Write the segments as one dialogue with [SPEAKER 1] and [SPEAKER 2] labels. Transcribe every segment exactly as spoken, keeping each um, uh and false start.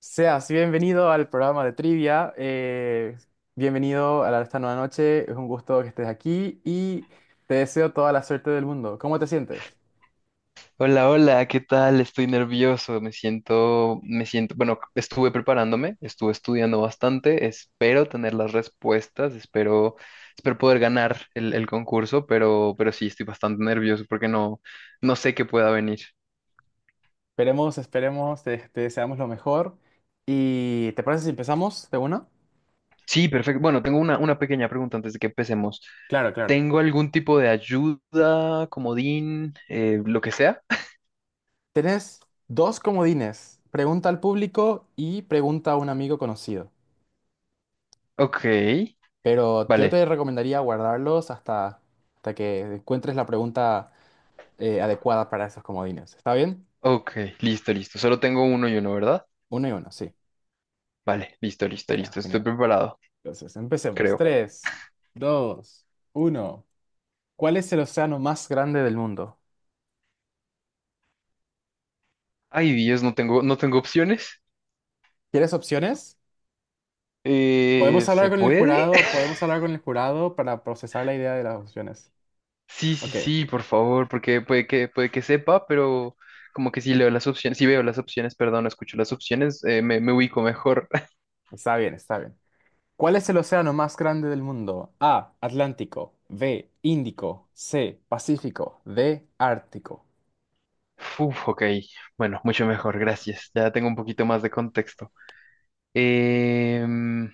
[SPEAKER 1] Seas bienvenido al programa de trivia. Eh, bienvenido a la- esta nueva noche. Es un gusto que estés aquí y te deseo toda la suerte del mundo. ¿Cómo te sientes?
[SPEAKER 2] Hola, hola, ¿qué tal? Estoy nervioso, me siento, me siento, bueno, estuve preparándome, estuve estudiando bastante, espero tener las respuestas, espero, espero poder ganar el, el concurso, pero, pero sí, estoy bastante nervioso porque no, no sé qué pueda venir.
[SPEAKER 1] Esperemos, esperemos, te, te deseamos lo mejor. ¿Y te parece si empezamos de una?
[SPEAKER 2] Sí, perfecto. Bueno, tengo una, una pequeña pregunta antes de que empecemos.
[SPEAKER 1] Claro, claro.
[SPEAKER 2] ¿Tengo algún tipo de ayuda, comodín, eh, lo que sea?
[SPEAKER 1] Tenés dos comodines. Pregunta al público y pregunta a un amigo conocido.
[SPEAKER 2] Ok,
[SPEAKER 1] Pero yo
[SPEAKER 2] vale,
[SPEAKER 1] te recomendaría guardarlos hasta hasta que encuentres la pregunta eh, adecuada para esos comodines. ¿Está bien?
[SPEAKER 2] ok, listo, listo. Solo tengo uno y uno, ¿verdad?
[SPEAKER 1] Uno y uno, sí.
[SPEAKER 2] Vale, listo, listo,
[SPEAKER 1] Genial,
[SPEAKER 2] listo, estoy
[SPEAKER 1] genial.
[SPEAKER 2] preparado.
[SPEAKER 1] Entonces, empecemos.
[SPEAKER 2] Creo.
[SPEAKER 1] Tres, dos, uno. ¿Cuál es el océano más grande del mundo?
[SPEAKER 2] Ay, Dios, no tengo, no tengo opciones.
[SPEAKER 1] ¿Quieres opciones?
[SPEAKER 2] Eh,
[SPEAKER 1] Podemos hablar
[SPEAKER 2] ¿se
[SPEAKER 1] con el
[SPEAKER 2] puede?
[SPEAKER 1] jurado, podemos hablar con el jurado para procesar la idea de las opciones.
[SPEAKER 2] Sí, sí,
[SPEAKER 1] Ok,
[SPEAKER 2] sí, por favor, porque puede que, puede que sepa, pero como que si leo las opciones, si veo las opciones, perdón, no escucho las opciones, eh, me, me ubico mejor.
[SPEAKER 1] está bien, está bien. ¿Cuál es el océano más grande del mundo? A, Atlántico; B, Índico; C, Pacífico; D, Ártico.
[SPEAKER 2] Uf, ok, bueno, mucho mejor, gracias. Ya tengo un poquito más de contexto. Em,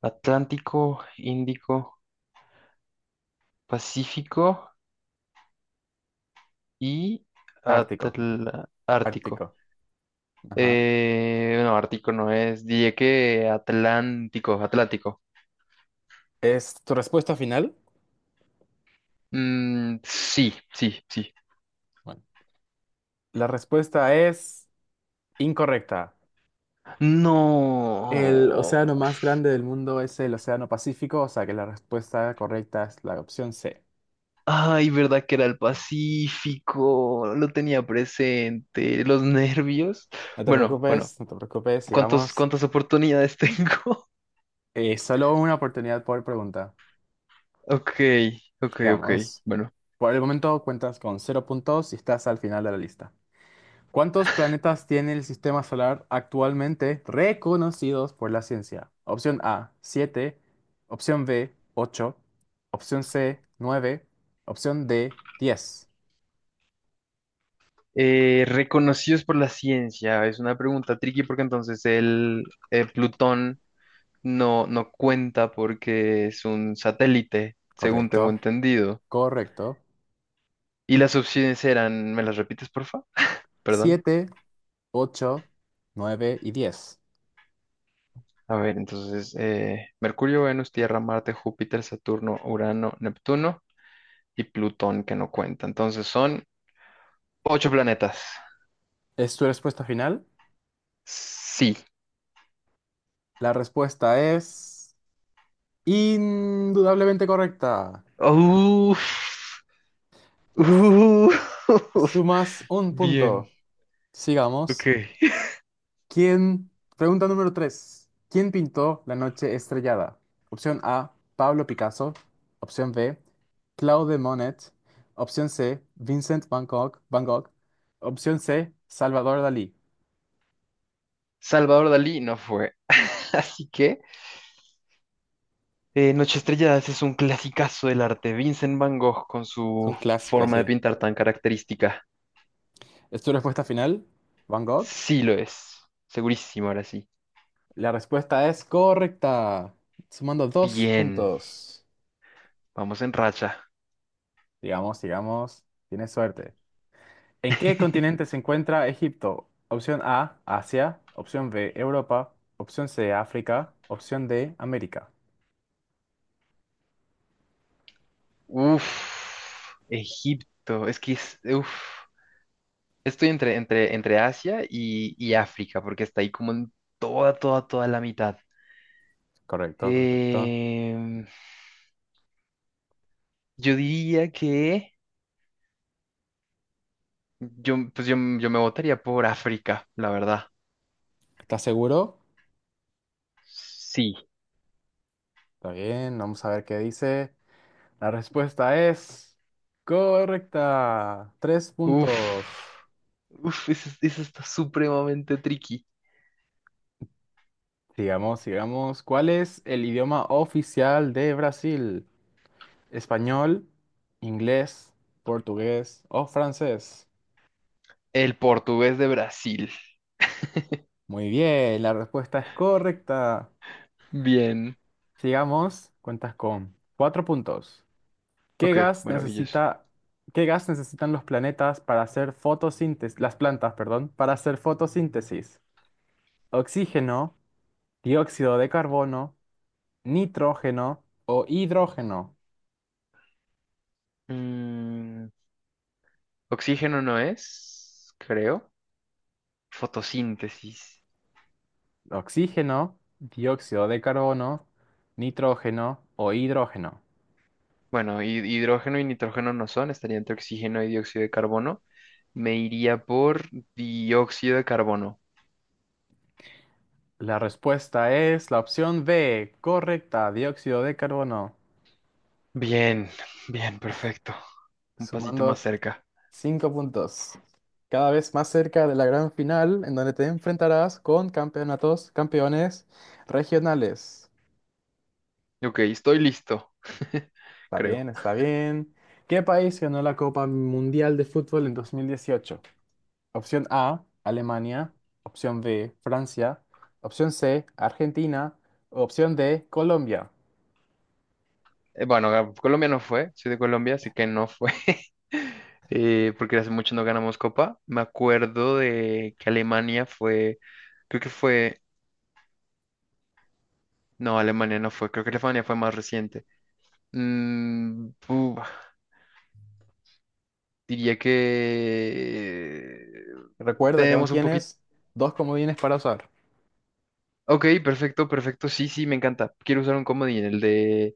[SPEAKER 2] Atlántico, Índico, Pacífico y
[SPEAKER 1] Ártico,
[SPEAKER 2] Atl- Ártico.
[SPEAKER 1] Ártico. Ajá.
[SPEAKER 2] Eh, no, Ártico no es. Diría que Atlántico, Atlántico.
[SPEAKER 1] ¿Es tu respuesta final?
[SPEAKER 2] Mm, sí, sí, sí.
[SPEAKER 1] Bueno. La respuesta es incorrecta. El
[SPEAKER 2] No.
[SPEAKER 1] océano más grande del mundo es el Océano Pacífico, o sea que la respuesta correcta es la opción C.
[SPEAKER 2] Ay, verdad que era el Pacífico. Lo tenía presente. Los nervios.
[SPEAKER 1] No te
[SPEAKER 2] Bueno,
[SPEAKER 1] preocupes,
[SPEAKER 2] bueno.
[SPEAKER 1] no te preocupes,
[SPEAKER 2] ¿Cuántos,
[SPEAKER 1] sigamos.
[SPEAKER 2] cuántas oportunidades tengo?
[SPEAKER 1] Eh, solo una oportunidad por pregunta.
[SPEAKER 2] Ok, ok, ok.
[SPEAKER 1] Sigamos.
[SPEAKER 2] Bueno.
[SPEAKER 1] Por el momento cuentas con cero puntos y estás al final de la lista. ¿Cuántos planetas tiene el sistema solar actualmente reconocidos por la ciencia? Opción A, siete. Opción B, ocho. Opción C, nueve. Opción D, diez.
[SPEAKER 2] Eh, reconocidos por la ciencia. Es una pregunta tricky porque entonces el, eh, Plutón. No, no cuenta porque es un satélite, según
[SPEAKER 1] Correcto,
[SPEAKER 2] tengo entendido.
[SPEAKER 1] correcto.
[SPEAKER 2] Y las opciones eran, ¿me las repites, porfa? Perdón.
[SPEAKER 1] Siete, ocho, nueve y diez.
[SPEAKER 2] A ver, entonces, eh, Mercurio, Venus, Tierra, Marte, Júpiter, Saturno, Urano, Neptuno y Plutón, que no cuenta. Entonces son ocho planetas.
[SPEAKER 1] ¿Es tu respuesta final?
[SPEAKER 2] Sí.
[SPEAKER 1] La respuesta es indudablemente correcta.
[SPEAKER 2] Uf. Uf.
[SPEAKER 1] Sumas un
[SPEAKER 2] Bien.
[SPEAKER 1] punto.
[SPEAKER 2] Ok.
[SPEAKER 1] Sigamos. ¿Quién? Pregunta número tres. ¿Quién pintó La noche estrellada? Opción A, Pablo Picasso. Opción B, Claude Monet. Opción C, Vincent Van Gogh. Van Gogh. Opción C, Salvador Dalí.
[SPEAKER 2] Salvador Dalí no fue. Así que Eh, Noche Estrelladas es un clasicazo del arte. Vincent Van Gogh con
[SPEAKER 1] Es
[SPEAKER 2] su
[SPEAKER 1] un clásico,
[SPEAKER 2] forma de
[SPEAKER 1] sí.
[SPEAKER 2] pintar tan característica.
[SPEAKER 1] ¿Es tu respuesta final? ¿Van Gogh?
[SPEAKER 2] Sí lo es. Segurísimo, ahora sí.
[SPEAKER 1] La respuesta es correcta. Sumando dos
[SPEAKER 2] Bien.
[SPEAKER 1] puntos.
[SPEAKER 2] Vamos en racha.
[SPEAKER 1] Digamos, digamos, tienes suerte. ¿En qué continente se encuentra Egipto? Opción A, Asia. Opción B, Europa. Opción C, África. Opción D, América.
[SPEAKER 2] Uf. Egipto. Es que es... Uf. Estoy entre, entre, entre Asia y, y África, porque está ahí como en toda, toda, toda la mitad.
[SPEAKER 1] Correcto, correcto.
[SPEAKER 2] Em, yo diría que... Yo, pues yo, yo me votaría por África, la verdad.
[SPEAKER 1] ¿Estás seguro?
[SPEAKER 2] Sí.
[SPEAKER 1] Está bien, vamos a ver qué dice. La respuesta es correcta. Tres
[SPEAKER 2] Uf,
[SPEAKER 1] puntos.
[SPEAKER 2] uf, eso, eso está supremamente tricky.
[SPEAKER 1] Sigamos, sigamos. ¿Cuál es el idioma oficial de Brasil? ¿Español, inglés, portugués o francés?
[SPEAKER 2] El portugués de Brasil.
[SPEAKER 1] Muy bien, la respuesta es correcta.
[SPEAKER 2] Bien.
[SPEAKER 1] Sigamos, cuentas con cuatro puntos. ¿Qué
[SPEAKER 2] Ok,
[SPEAKER 1] gas
[SPEAKER 2] maravilloso.
[SPEAKER 1] necesita, ¿Qué gas necesitan los planetas para hacer fotosíntesis, las plantas, perdón, para hacer fotosíntesis? ¿Oxígeno, dióxido de carbono, nitrógeno o hidrógeno?
[SPEAKER 2] Mm, oxígeno no es, creo. Fotosíntesis.
[SPEAKER 1] Oxígeno, dióxido de carbono, nitrógeno o hidrógeno.
[SPEAKER 2] Bueno, hi- hidrógeno y nitrógeno no son, estaría entre oxígeno y dióxido de carbono. Me iría por dióxido de carbono.
[SPEAKER 1] La respuesta es la opción B, correcta, dióxido de carbono,
[SPEAKER 2] Bien, bien, perfecto. Un pasito
[SPEAKER 1] sumando
[SPEAKER 2] más cerca.
[SPEAKER 1] cinco puntos. Cada vez más cerca de la gran final, en donde te enfrentarás con campeonatos, campeones regionales.
[SPEAKER 2] Ok, estoy listo.
[SPEAKER 1] Está bien,
[SPEAKER 2] Creo.
[SPEAKER 1] está bien. ¿Qué país ganó la Copa Mundial de Fútbol en dos mil dieciocho? Opción A, Alemania. Opción B, Francia. Opción C, Argentina. Opción D, Colombia.
[SPEAKER 2] Eh, Bueno, a Colombia no fue, soy de Colombia, así que no fue, eh, porque hace mucho no ganamos copa. Me acuerdo de que Alemania fue, creo que fue, no, Alemania no fue, creo que Alemania fue más reciente. Mm, uf, diría que
[SPEAKER 1] Recuerda que aún
[SPEAKER 2] tenemos un poquito...
[SPEAKER 1] tienes dos comodines para usar.
[SPEAKER 2] Ok, perfecto, perfecto, sí, sí, me encanta. Quiero usar un comodín, el de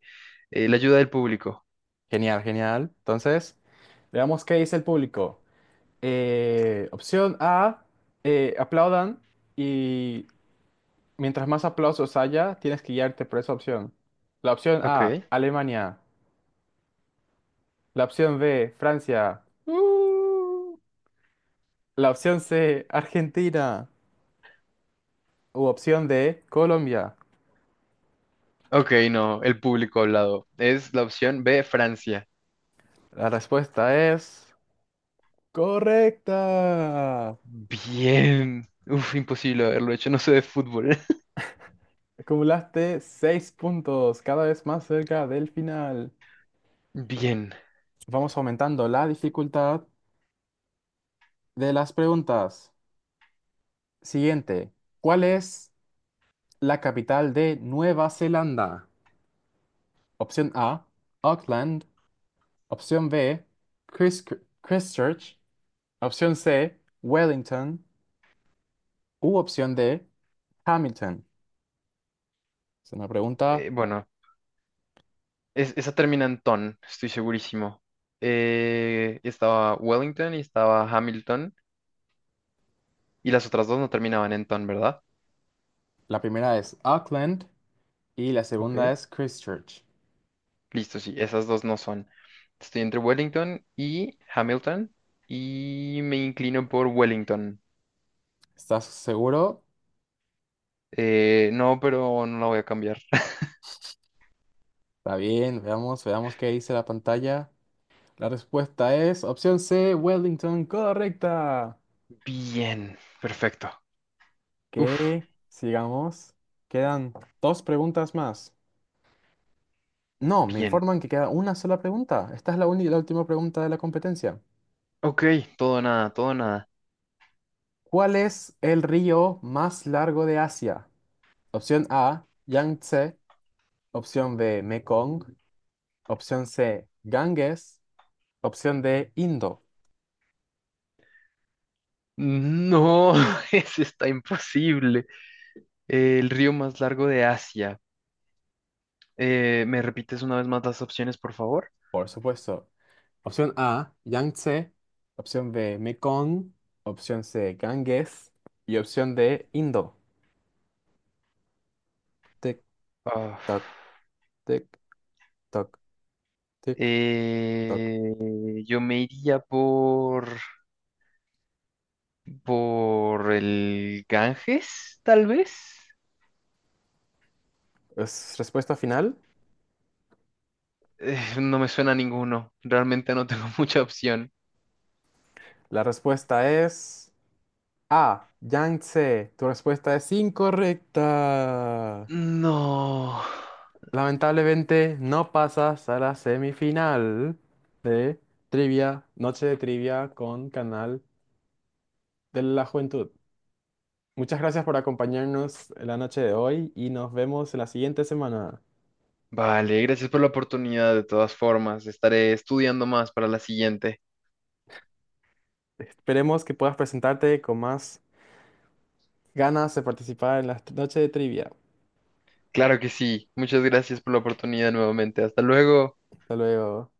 [SPEAKER 2] eh, la ayuda del público.
[SPEAKER 1] Genial, genial. Entonces, veamos qué dice el público. Eh, opción A, eh, aplaudan y mientras más aplausos haya, tienes que guiarte por esa opción. La opción
[SPEAKER 2] Ok,
[SPEAKER 1] A, Alemania. La opción B, Francia. ¡Uh! La opción C, Argentina. U opción D, Colombia.
[SPEAKER 2] ok, no, el público hablado. Es la opción B, Francia.
[SPEAKER 1] La respuesta es correcta.
[SPEAKER 2] Bien. Uf, imposible haberlo hecho. No sé de fútbol.
[SPEAKER 1] Acumulaste seis puntos, cada vez más cerca del final.
[SPEAKER 2] Bien.
[SPEAKER 1] Vamos aumentando la dificultad de las preguntas. Siguiente. ¿Cuál es la capital de Nueva Zelanda? Opción A, Auckland. Opción B, Chris- Christchurch. Opción C, Wellington. U opción D, Hamilton. Es una pregunta.
[SPEAKER 2] Eh, bueno, es- esa termina en ton, estoy segurísimo. Eh, estaba Wellington y estaba Hamilton. Y las otras dos no terminaban en ton, ¿verdad?
[SPEAKER 1] La primera es Auckland y la segunda
[SPEAKER 2] Ok.
[SPEAKER 1] es Christchurch.
[SPEAKER 2] Listo, sí. Esas dos no son. Estoy entre Wellington y Hamilton. Y me inclino por Wellington.
[SPEAKER 1] ¿Estás seguro?
[SPEAKER 2] Eh, no, pero no la voy a cambiar.
[SPEAKER 1] Está bien, veamos, veamos qué dice la pantalla. La respuesta es opción C, Wellington, correcta.
[SPEAKER 2] Bien. Perfecto. Uf.
[SPEAKER 1] Que sigamos. Quedan dos preguntas más. No, me
[SPEAKER 2] Bien.
[SPEAKER 1] informan que queda una sola pregunta. Esta es la única y la última pregunta de la competencia.
[SPEAKER 2] Ok. Todo o nada, todo o nada.
[SPEAKER 1] ¿Cuál es el río más largo de Asia? Opción A, Yangtze. Opción B, Mekong. Opción C, Ganges. Opción D, Indo.
[SPEAKER 2] No, eso está imposible. Eh, el río más largo de Asia. Eh, ¿me repites una vez más las opciones, por favor?
[SPEAKER 1] Por supuesto. Opción A, Yangtze. Opción B, Mekong. Opción C, Ganges. Y opción D, Indo. Tic,
[SPEAKER 2] Ah,
[SPEAKER 1] toc, tic, toc, tic, toc.
[SPEAKER 2] eh, yo me iría por, por el Ganges, tal vez.
[SPEAKER 1] ¿Es respuesta final?
[SPEAKER 2] Eh, no me suena a ninguno. Realmente no tengo mucha opción.
[SPEAKER 1] La respuesta es A, Yangtze. Tu respuesta es incorrecta.
[SPEAKER 2] No.
[SPEAKER 1] Lamentablemente no pasas a la semifinal de Trivia, Noche de Trivia con Canal de la Juventud. Muchas gracias por acompañarnos en la noche de hoy y nos vemos en la siguiente semana.
[SPEAKER 2] Vale, gracias por la oportunidad. De todas formas, estaré estudiando más para la siguiente.
[SPEAKER 1] Esperemos que puedas presentarte con más ganas de participar en la noche de trivia.
[SPEAKER 2] Claro que sí. Muchas gracias por la oportunidad nuevamente. Hasta luego.
[SPEAKER 1] Hasta luego.